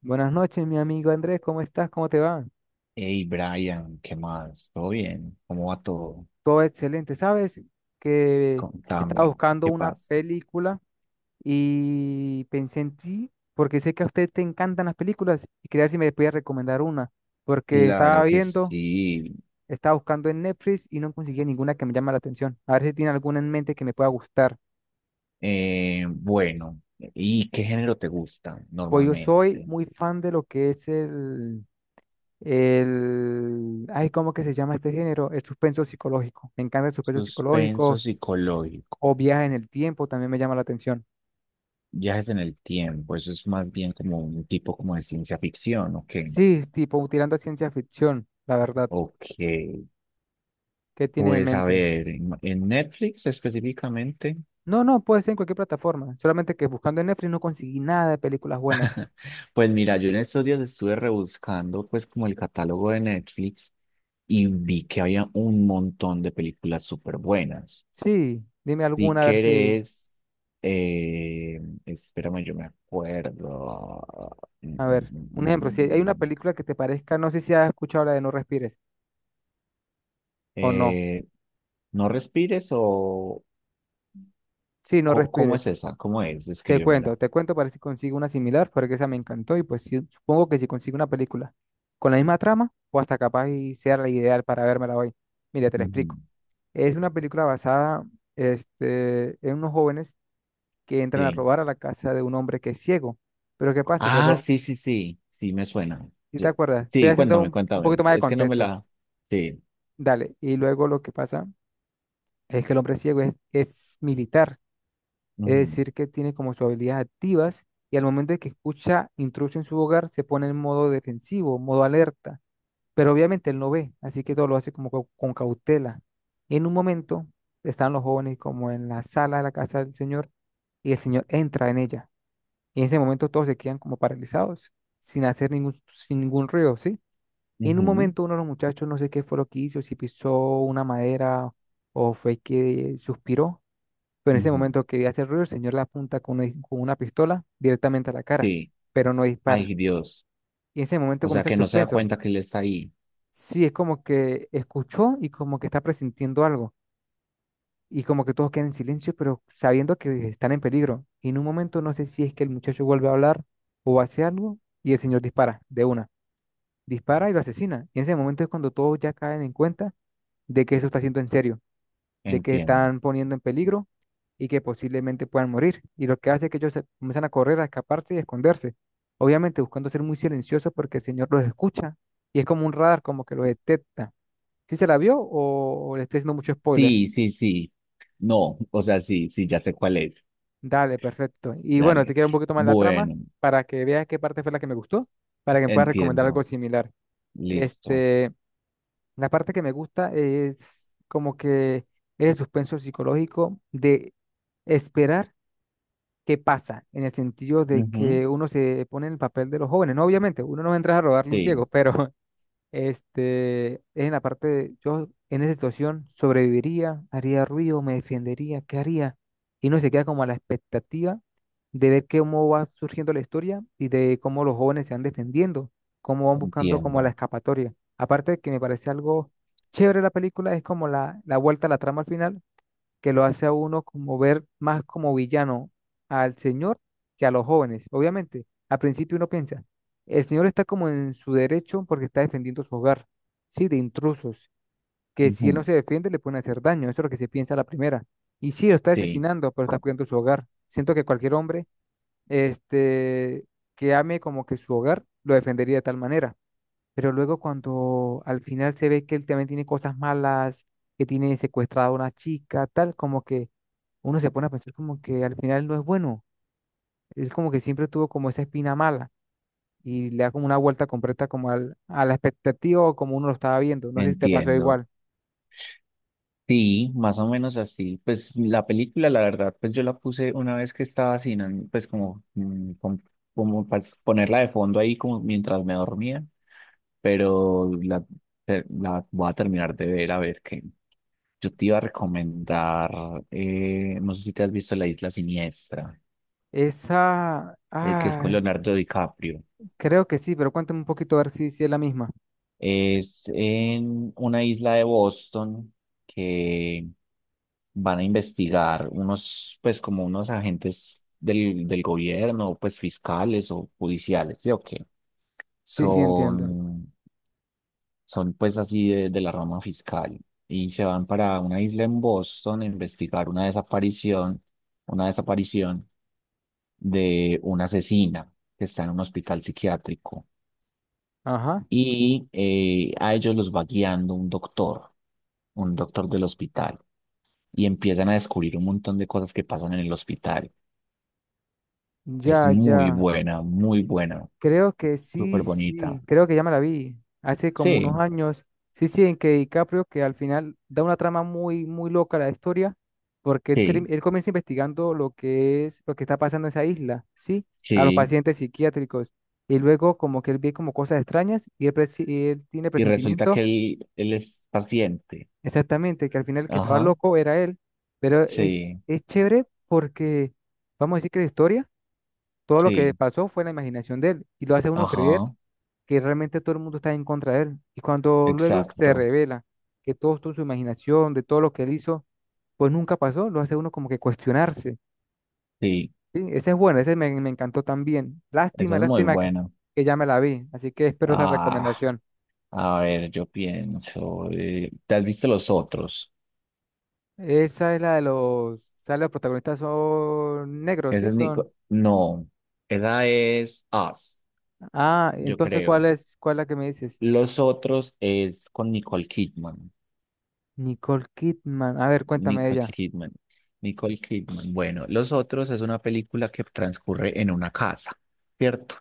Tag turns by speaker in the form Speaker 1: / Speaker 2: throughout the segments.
Speaker 1: Buenas noches, mi amigo Andrés, ¿cómo estás? ¿Cómo te va?
Speaker 2: Hey Brian, ¿qué más? ¿Todo bien? ¿Cómo va todo?
Speaker 1: Todo excelente. Sabes que estaba
Speaker 2: Contame,
Speaker 1: buscando
Speaker 2: ¿qué
Speaker 1: una
Speaker 2: pasa?
Speaker 1: película y pensé en ti porque sé que a usted te encantan las películas y quería ver si me podía recomendar una, porque
Speaker 2: Claro que sí.
Speaker 1: estaba buscando en Netflix y no conseguía ninguna que me llame la atención. A ver si tiene alguna en mente que me pueda gustar.
Speaker 2: Bueno, ¿y qué género te gusta
Speaker 1: Pues yo
Speaker 2: normalmente?
Speaker 1: soy muy fan de lo que es el, ay, ¿cómo que se llama este género? El suspenso psicológico. Me encanta el suspenso
Speaker 2: Suspenso
Speaker 1: psicológico
Speaker 2: psicológico,
Speaker 1: o viajes en el tiempo también me llama la atención.
Speaker 2: viajes en el tiempo, eso es más bien como un tipo como de ciencia ficción, ¿o qué?
Speaker 1: Sí, tipo tirando a ciencia ficción, la verdad.
Speaker 2: Ok,
Speaker 1: ¿Qué tiene en
Speaker 2: pues a
Speaker 1: mente?
Speaker 2: ver, en Netflix específicamente.
Speaker 1: No, no, puede ser en cualquier plataforma. Solamente que buscando en Netflix no conseguí nada de películas buenas.
Speaker 2: Pues mira, yo en estos días estuve rebuscando pues como el catálogo de Netflix y vi que había un montón de películas súper buenas.
Speaker 1: Sí, dime
Speaker 2: Si
Speaker 1: alguna a ver si,
Speaker 2: querés, eh, espérame, yo me acuerdo. Mm,
Speaker 1: a ver,
Speaker 2: mm,
Speaker 1: un
Speaker 2: mm,
Speaker 1: ejemplo, si hay una
Speaker 2: mm.
Speaker 1: película que te parezca, no sé si has escuchado la de No Respires o no.
Speaker 2: Eh, ¿No respires o
Speaker 1: Sí, No
Speaker 2: cómo es
Speaker 1: Respires.
Speaker 2: esa? ¿Cómo es?
Speaker 1: Te cuento,
Speaker 2: Descríbemela.
Speaker 1: te cuento para ver si consigo una similar, porque esa me encantó y pues sí, supongo que si consigo una película con la misma trama, o hasta capaz y sea la ideal para vérmela hoy. Mira, te lo
Speaker 2: Ujú.
Speaker 1: explico. Es una película basada, este, en unos jóvenes que entran a
Speaker 2: Sí.
Speaker 1: robar a la casa de un hombre que es ciego. Pero ¿qué pasa? Que
Speaker 2: Ah,
Speaker 1: lo,
Speaker 2: sí, sí, sí. Sí, me suena.
Speaker 1: si te
Speaker 2: Yo-
Speaker 1: acuerdas, estoy
Speaker 2: Sí,
Speaker 1: haciendo
Speaker 2: cuéntame,
Speaker 1: un
Speaker 2: cuéntame.
Speaker 1: poquito más de
Speaker 2: Es que no me
Speaker 1: contexto.
Speaker 2: la... Sí.
Speaker 1: Dale. Y luego lo que pasa es que el hombre ciego es militar, es decir, que tiene como sus habilidades activas y al momento de que escucha intruso en su hogar se pone en modo defensivo, modo alerta. Pero obviamente él no ve, así que todo lo hace como con cautela. Y en un momento están los jóvenes como en la sala de la casa del Señor y el Señor entra en ella. Y en ese momento todos se quedan como paralizados, sin ningún ruido, ¿sí? Y en un
Speaker 2: Ujú,
Speaker 1: momento uno de los muchachos, no sé qué fue lo que hizo, si pisó una madera o fue que suspiró, pero en ese
Speaker 2: ujú.
Speaker 1: momento quería hacer ruido, el Señor le apunta con con una pistola directamente a la cara,
Speaker 2: Sí,
Speaker 1: pero no dispara.
Speaker 2: ay Dios.
Speaker 1: Y en ese momento
Speaker 2: O sea
Speaker 1: comienza el
Speaker 2: que no se da
Speaker 1: suspenso.
Speaker 2: cuenta que él está ahí.
Speaker 1: Sí, es como que escuchó y como que está presintiendo algo. Y como que todos quedan en silencio, pero sabiendo que están en peligro. Y en un momento no sé si es que el muchacho vuelve a hablar o hace algo y el señor dispara de una. Dispara y lo asesina. Y en ese momento es cuando todos ya caen en cuenta de que eso está siendo en serio, de que
Speaker 2: Entiendo.
Speaker 1: están poniendo en peligro y que posiblemente puedan morir. Y lo que hace es que ellos comienzan a correr, a escaparse y a esconderse. Obviamente buscando ser muy silenciosos porque el señor los escucha y es como un radar, como que los detecta. ¿Sí se la vio o le estoy haciendo mucho spoiler?
Speaker 2: Sí, sí, sí. No, o sea, sí, sí, ya sé cuál es.
Speaker 1: Dale, perfecto. Y bueno, te
Speaker 2: Dale.
Speaker 1: quiero un poquito más la trama
Speaker 2: Bueno,
Speaker 1: para que veas qué parte fue la que me gustó, para que me puedas recomendar algo
Speaker 2: entiendo.
Speaker 1: similar.
Speaker 2: Listo.
Speaker 1: Este, la parte que me gusta es como que es el suspenso psicológico de esperar qué pasa, en el sentido de
Speaker 2: Ujú.
Speaker 1: que uno se pone en el papel de los jóvenes. No, obviamente, uno no entra a robarle un ciego,
Speaker 2: Sí,
Speaker 1: pero Este, es en la parte de, yo en esa situación sobreviviría, haría ruido, me defendería, ¿qué haría? Y uno se queda como a la expectativa de ver cómo va surgiendo la historia y de cómo los jóvenes se van defendiendo, cómo van buscando como la
Speaker 2: entiendo.
Speaker 1: escapatoria. Aparte de que me parece algo chévere la película, es como la vuelta a la trama al final, que lo hace a uno como ver más como villano al señor que a los jóvenes. Obviamente, al principio uno piensa, el señor está como en su derecho porque está defendiendo su hogar, sí, de intrusos, que si él
Speaker 2: Ujú.
Speaker 1: no se defiende le pueden hacer daño, eso es lo que se piensa a la primera. Y sí, lo está
Speaker 2: Sí,
Speaker 1: asesinando, pero está cuidando su hogar. Siento que cualquier hombre, este, que ame como que su hogar, lo defendería de tal manera. Pero luego cuando al final se ve que él también tiene cosas malas, que tiene secuestrada a una chica, tal, como que uno se pone a pensar como que al final no es bueno. Es como que siempre tuvo como esa espina mala y le da como una vuelta completa como a la expectativa o como uno lo estaba viendo. No sé si te pasó
Speaker 2: entiendo.
Speaker 1: igual.
Speaker 2: Sí, más o menos así. Pues la película, la verdad, pues yo la puse una vez que estaba sin, ánimo, pues como, como para ponerla de fondo ahí como mientras me dormía, pero la voy a terminar de ver a ver qué. Yo te iba a recomendar, no sé si te has visto La Isla Siniestra,
Speaker 1: Esa,
Speaker 2: que es con
Speaker 1: ah,
Speaker 2: Leonardo DiCaprio.
Speaker 1: creo que sí, pero cuéntame un poquito a ver si es la misma.
Speaker 2: Es en una isla de Boston que van a investigar unos, pues como unos agentes del gobierno, pues fiscales o judiciales, ¿sí o qué?
Speaker 1: Sí, sí, entiendo.
Speaker 2: Son, son pues así de la rama fiscal y se van para una isla en Boston a investigar una desaparición de una asesina que está en un hospital psiquiátrico
Speaker 1: Ajá,
Speaker 2: y a ellos los va guiando un doctor del hospital, y empiezan a descubrir un montón de cosas que pasan en el hospital. Es
Speaker 1: ya, ya.
Speaker 2: muy buena,
Speaker 1: Creo que sí.
Speaker 2: súper bonita.
Speaker 1: Sí, creo que ya me la vi hace como unos
Speaker 2: Sí,
Speaker 1: años. Sí, sí, en que DiCaprio, que al final da una trama muy, muy loca a la historia, porque él, term-
Speaker 2: sí,
Speaker 1: él comienza investigando lo que está pasando en esa isla, ¿sí? A los
Speaker 2: sí.
Speaker 1: pacientes psiquiátricos. Y luego como que él ve como cosas extrañas y él tiene
Speaker 2: Y resulta que
Speaker 1: presentimiento,
Speaker 2: él es paciente.
Speaker 1: exactamente, que al final el que estaba
Speaker 2: Ajá,
Speaker 1: loco era él. Pero es,
Speaker 2: sí,
Speaker 1: es chévere porque, vamos a decir que la historia, todo lo que
Speaker 2: sí,
Speaker 1: pasó fue la imaginación de él y lo hace uno creer
Speaker 2: ajá,
Speaker 1: que realmente todo el mundo está en contra de él. Y cuando luego se
Speaker 2: exacto,
Speaker 1: revela que todo esto, su imaginación, de todo lo que él hizo, pues nunca pasó, lo hace uno como que cuestionarse.
Speaker 2: sí.
Speaker 1: Sí, ese es bueno, ese me encantó también.
Speaker 2: Esa
Speaker 1: Lástima,
Speaker 2: es muy
Speaker 1: lástima que,
Speaker 2: buena.
Speaker 1: que ya me la vi, así que espero otra
Speaker 2: Ah,
Speaker 1: recomendación.
Speaker 2: a ver, yo pienso, ¿te has visto los otros?
Speaker 1: Esa es la de sale los protagonistas son negros,
Speaker 2: Esa
Speaker 1: ¿sí?
Speaker 2: es
Speaker 1: Son.
Speaker 2: Nico. No, esa es Us,
Speaker 1: Ah,
Speaker 2: yo
Speaker 1: entonces, ¿cuál
Speaker 2: creo.
Speaker 1: es, cuál es la que me dices?
Speaker 2: Los otros es con Nicole Kidman.
Speaker 1: Nicole Kidman. A ver, cuéntame de
Speaker 2: Nicole
Speaker 1: ella.
Speaker 2: Kidman. Nicole Kidman. Bueno, Los otros es una película que transcurre en una casa, ¿cierto?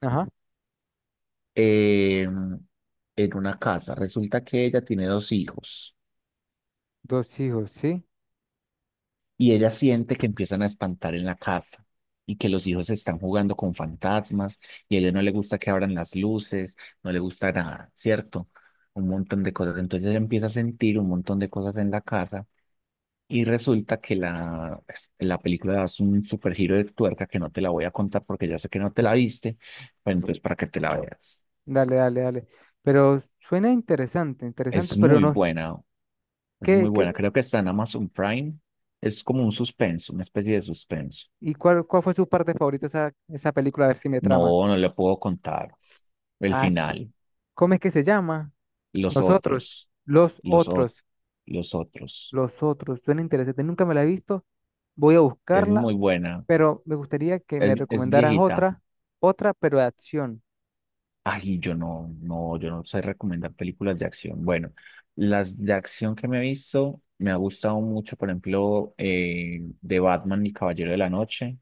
Speaker 1: Ajá.
Speaker 2: Eh, en una casa. Resulta que ella tiene dos hijos.
Speaker 1: Dos hijos, ¿sí?
Speaker 2: Y ella siente que empiezan a espantar en la casa y que los hijos están jugando con fantasmas y a ella no le gusta que abran las luces, no le gusta nada, ¿cierto? Un montón de cosas. Entonces ella empieza a sentir un montón de cosas en la casa y resulta que pues, la película es un super giro de tuerca que no te la voy a contar porque ya sé que no te la viste, pero entonces para que te la veas.
Speaker 1: Dale, dale, dale. Pero suena interesante, interesante,
Speaker 2: Es
Speaker 1: pero
Speaker 2: muy
Speaker 1: no.
Speaker 2: buena, es
Speaker 1: ¿Qué,
Speaker 2: muy
Speaker 1: qué?
Speaker 2: buena. Creo que está en Amazon Prime. Es como un suspenso, una especie de suspenso.
Speaker 1: ¿Y cuál fue su parte favorita esa película? A ver si me trama.
Speaker 2: No, no le puedo contar. El
Speaker 1: Ah,
Speaker 2: final,
Speaker 1: ¿cómo es que se llama?
Speaker 2: los
Speaker 1: Nosotros,
Speaker 2: otros,
Speaker 1: los
Speaker 2: los otros,
Speaker 1: otros,
Speaker 2: los otros.
Speaker 1: los otros. Suena interesante. Nunca me la he visto. Voy a
Speaker 2: Es
Speaker 1: buscarla,
Speaker 2: muy buena.
Speaker 1: pero me gustaría que me
Speaker 2: Es
Speaker 1: recomendaras
Speaker 2: viejita.
Speaker 1: otra, otra, pero de acción.
Speaker 2: Ay, yo no, no, yo no sé recomendar películas de acción. Bueno, las de acción que me he visto, me ha gustado mucho, por ejemplo, de Batman y Caballero de la Noche.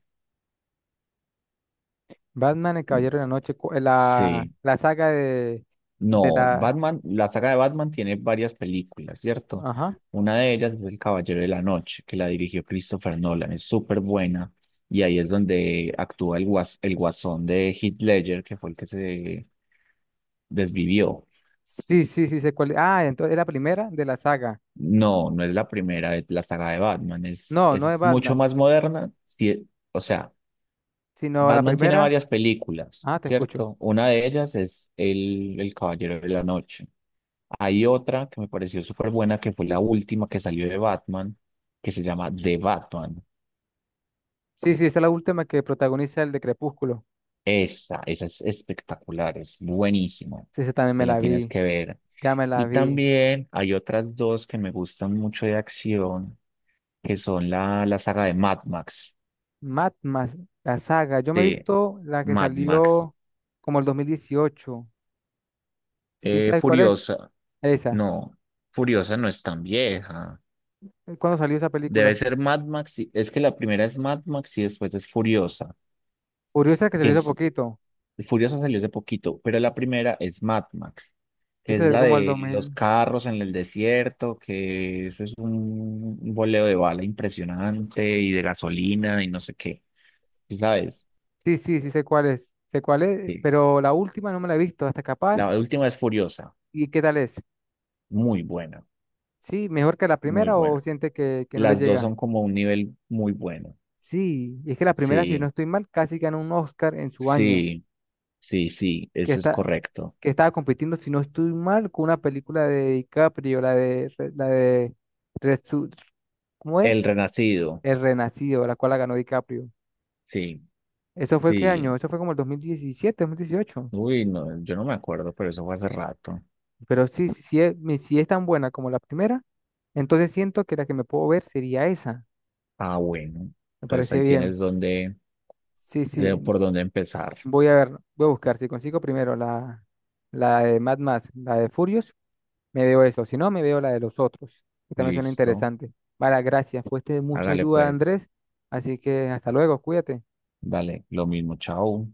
Speaker 1: Batman, el
Speaker 2: Mm.
Speaker 1: Caballero de la Noche, la,
Speaker 2: Sí.
Speaker 1: la saga de
Speaker 2: No,
Speaker 1: la...
Speaker 2: Batman, la saga de Batman tiene varias películas, ¿cierto?
Speaker 1: Ajá.
Speaker 2: Una de ellas es El Caballero de la Noche, que la dirigió Christopher Nolan, es súper buena. Y ahí es donde actúa el guasón de Heath Ledger, que fue el que se desvivió.
Speaker 1: Sí, sí, sí, sé cuál. Ah, entonces es la primera de la saga.
Speaker 2: No, no es la primera, es la saga de Batman,
Speaker 1: No, no es
Speaker 2: es mucho
Speaker 1: Batman,
Speaker 2: más moderna. Sí, o sea,
Speaker 1: sino la
Speaker 2: Batman tiene
Speaker 1: primera.
Speaker 2: varias películas,
Speaker 1: Ah, te escucho.
Speaker 2: ¿cierto? Una de ellas es el Caballero de la Noche. Hay otra que me pareció súper buena, que fue la última que salió de Batman, que se llama The Batman.
Speaker 1: Sí, sí, esa es la última que protagoniza el de Crepúsculo.
Speaker 2: Esa es espectacular, es buenísima.
Speaker 1: Sí, esa también
Speaker 2: Te
Speaker 1: me
Speaker 2: la
Speaker 1: la
Speaker 2: tienes
Speaker 1: vi.
Speaker 2: que ver.
Speaker 1: Ya me la
Speaker 2: Y
Speaker 1: vi.
Speaker 2: también hay otras dos que me gustan mucho de acción, que son la saga de Mad Max.
Speaker 1: Mad Max, la saga. Yo me he
Speaker 2: De
Speaker 1: visto la que
Speaker 2: Mad Max.
Speaker 1: salió como el 2018. ¿Sí sabes cuál es?
Speaker 2: Furiosa.
Speaker 1: Esa.
Speaker 2: No, Furiosa no es tan vieja.
Speaker 1: ¿Cuándo salió esa
Speaker 2: Debe
Speaker 1: película?
Speaker 2: ser Mad Max. Es que la primera es Mad Max y después es Furiosa,
Speaker 1: Furiosa que
Speaker 2: que
Speaker 1: salió hace
Speaker 2: es
Speaker 1: poquito.
Speaker 2: Furiosa salió hace poquito, pero la primera es Mad Max, que
Speaker 1: Esa
Speaker 2: es
Speaker 1: salió
Speaker 2: la
Speaker 1: como el dos
Speaker 2: de los
Speaker 1: mil.
Speaker 2: carros en el desierto, que eso es un boleo de bala impresionante y de gasolina y no sé qué. ¿Sí? ¿Sabes?
Speaker 1: Sí, sí, sí sé cuál es. Sé cuál es,
Speaker 2: Sí.
Speaker 1: pero la última no me la he visto. Hasta capaz.
Speaker 2: La última es Furiosa,
Speaker 1: ¿Y qué tal es?
Speaker 2: muy buena,
Speaker 1: ¿Sí? ¿Mejor que la
Speaker 2: muy
Speaker 1: primera o
Speaker 2: buena.
Speaker 1: siente que, no le
Speaker 2: Las dos
Speaker 1: llega?
Speaker 2: son como un nivel muy bueno.
Speaker 1: Sí, y es que la primera, si no
Speaker 2: Sí,
Speaker 1: estoy mal, casi ganó un Oscar en su año,
Speaker 2: sí, sí, sí,
Speaker 1: que
Speaker 2: eso es
Speaker 1: está,
Speaker 2: correcto.
Speaker 1: que estaba compitiendo, si no estoy mal, con una película de DiCaprio, la de, Resu- ¿cómo
Speaker 2: El
Speaker 1: es?
Speaker 2: Renacido,
Speaker 1: El Renacido, la cual la ganó DiCaprio.
Speaker 2: sí,
Speaker 1: ¿Eso fue qué
Speaker 2: sí.
Speaker 1: año? Eso fue como el 2017, 2018.
Speaker 2: Uy, no, yo no me acuerdo, pero eso fue hace rato.
Speaker 1: Pero sí, sí, sí es, si es tan buena como la primera, entonces siento que la que me puedo ver sería esa.
Speaker 2: Ah, bueno.
Speaker 1: Me
Speaker 2: Entonces
Speaker 1: parece
Speaker 2: ahí
Speaker 1: bien.
Speaker 2: tienes donde,
Speaker 1: Sí, sí,
Speaker 2: por dónde empezar.
Speaker 1: voy a buscar si consigo primero la de Mad Max, la de Furious, Me veo eso, si no, me veo la de los otros, que también suena
Speaker 2: Listo.
Speaker 1: interesante. Vale, gracias, fuiste de mucha
Speaker 2: Hágale
Speaker 1: ayuda,
Speaker 2: pues.
Speaker 1: Andrés, así que hasta luego, cuídate.
Speaker 2: Dale, lo mismo. Chao.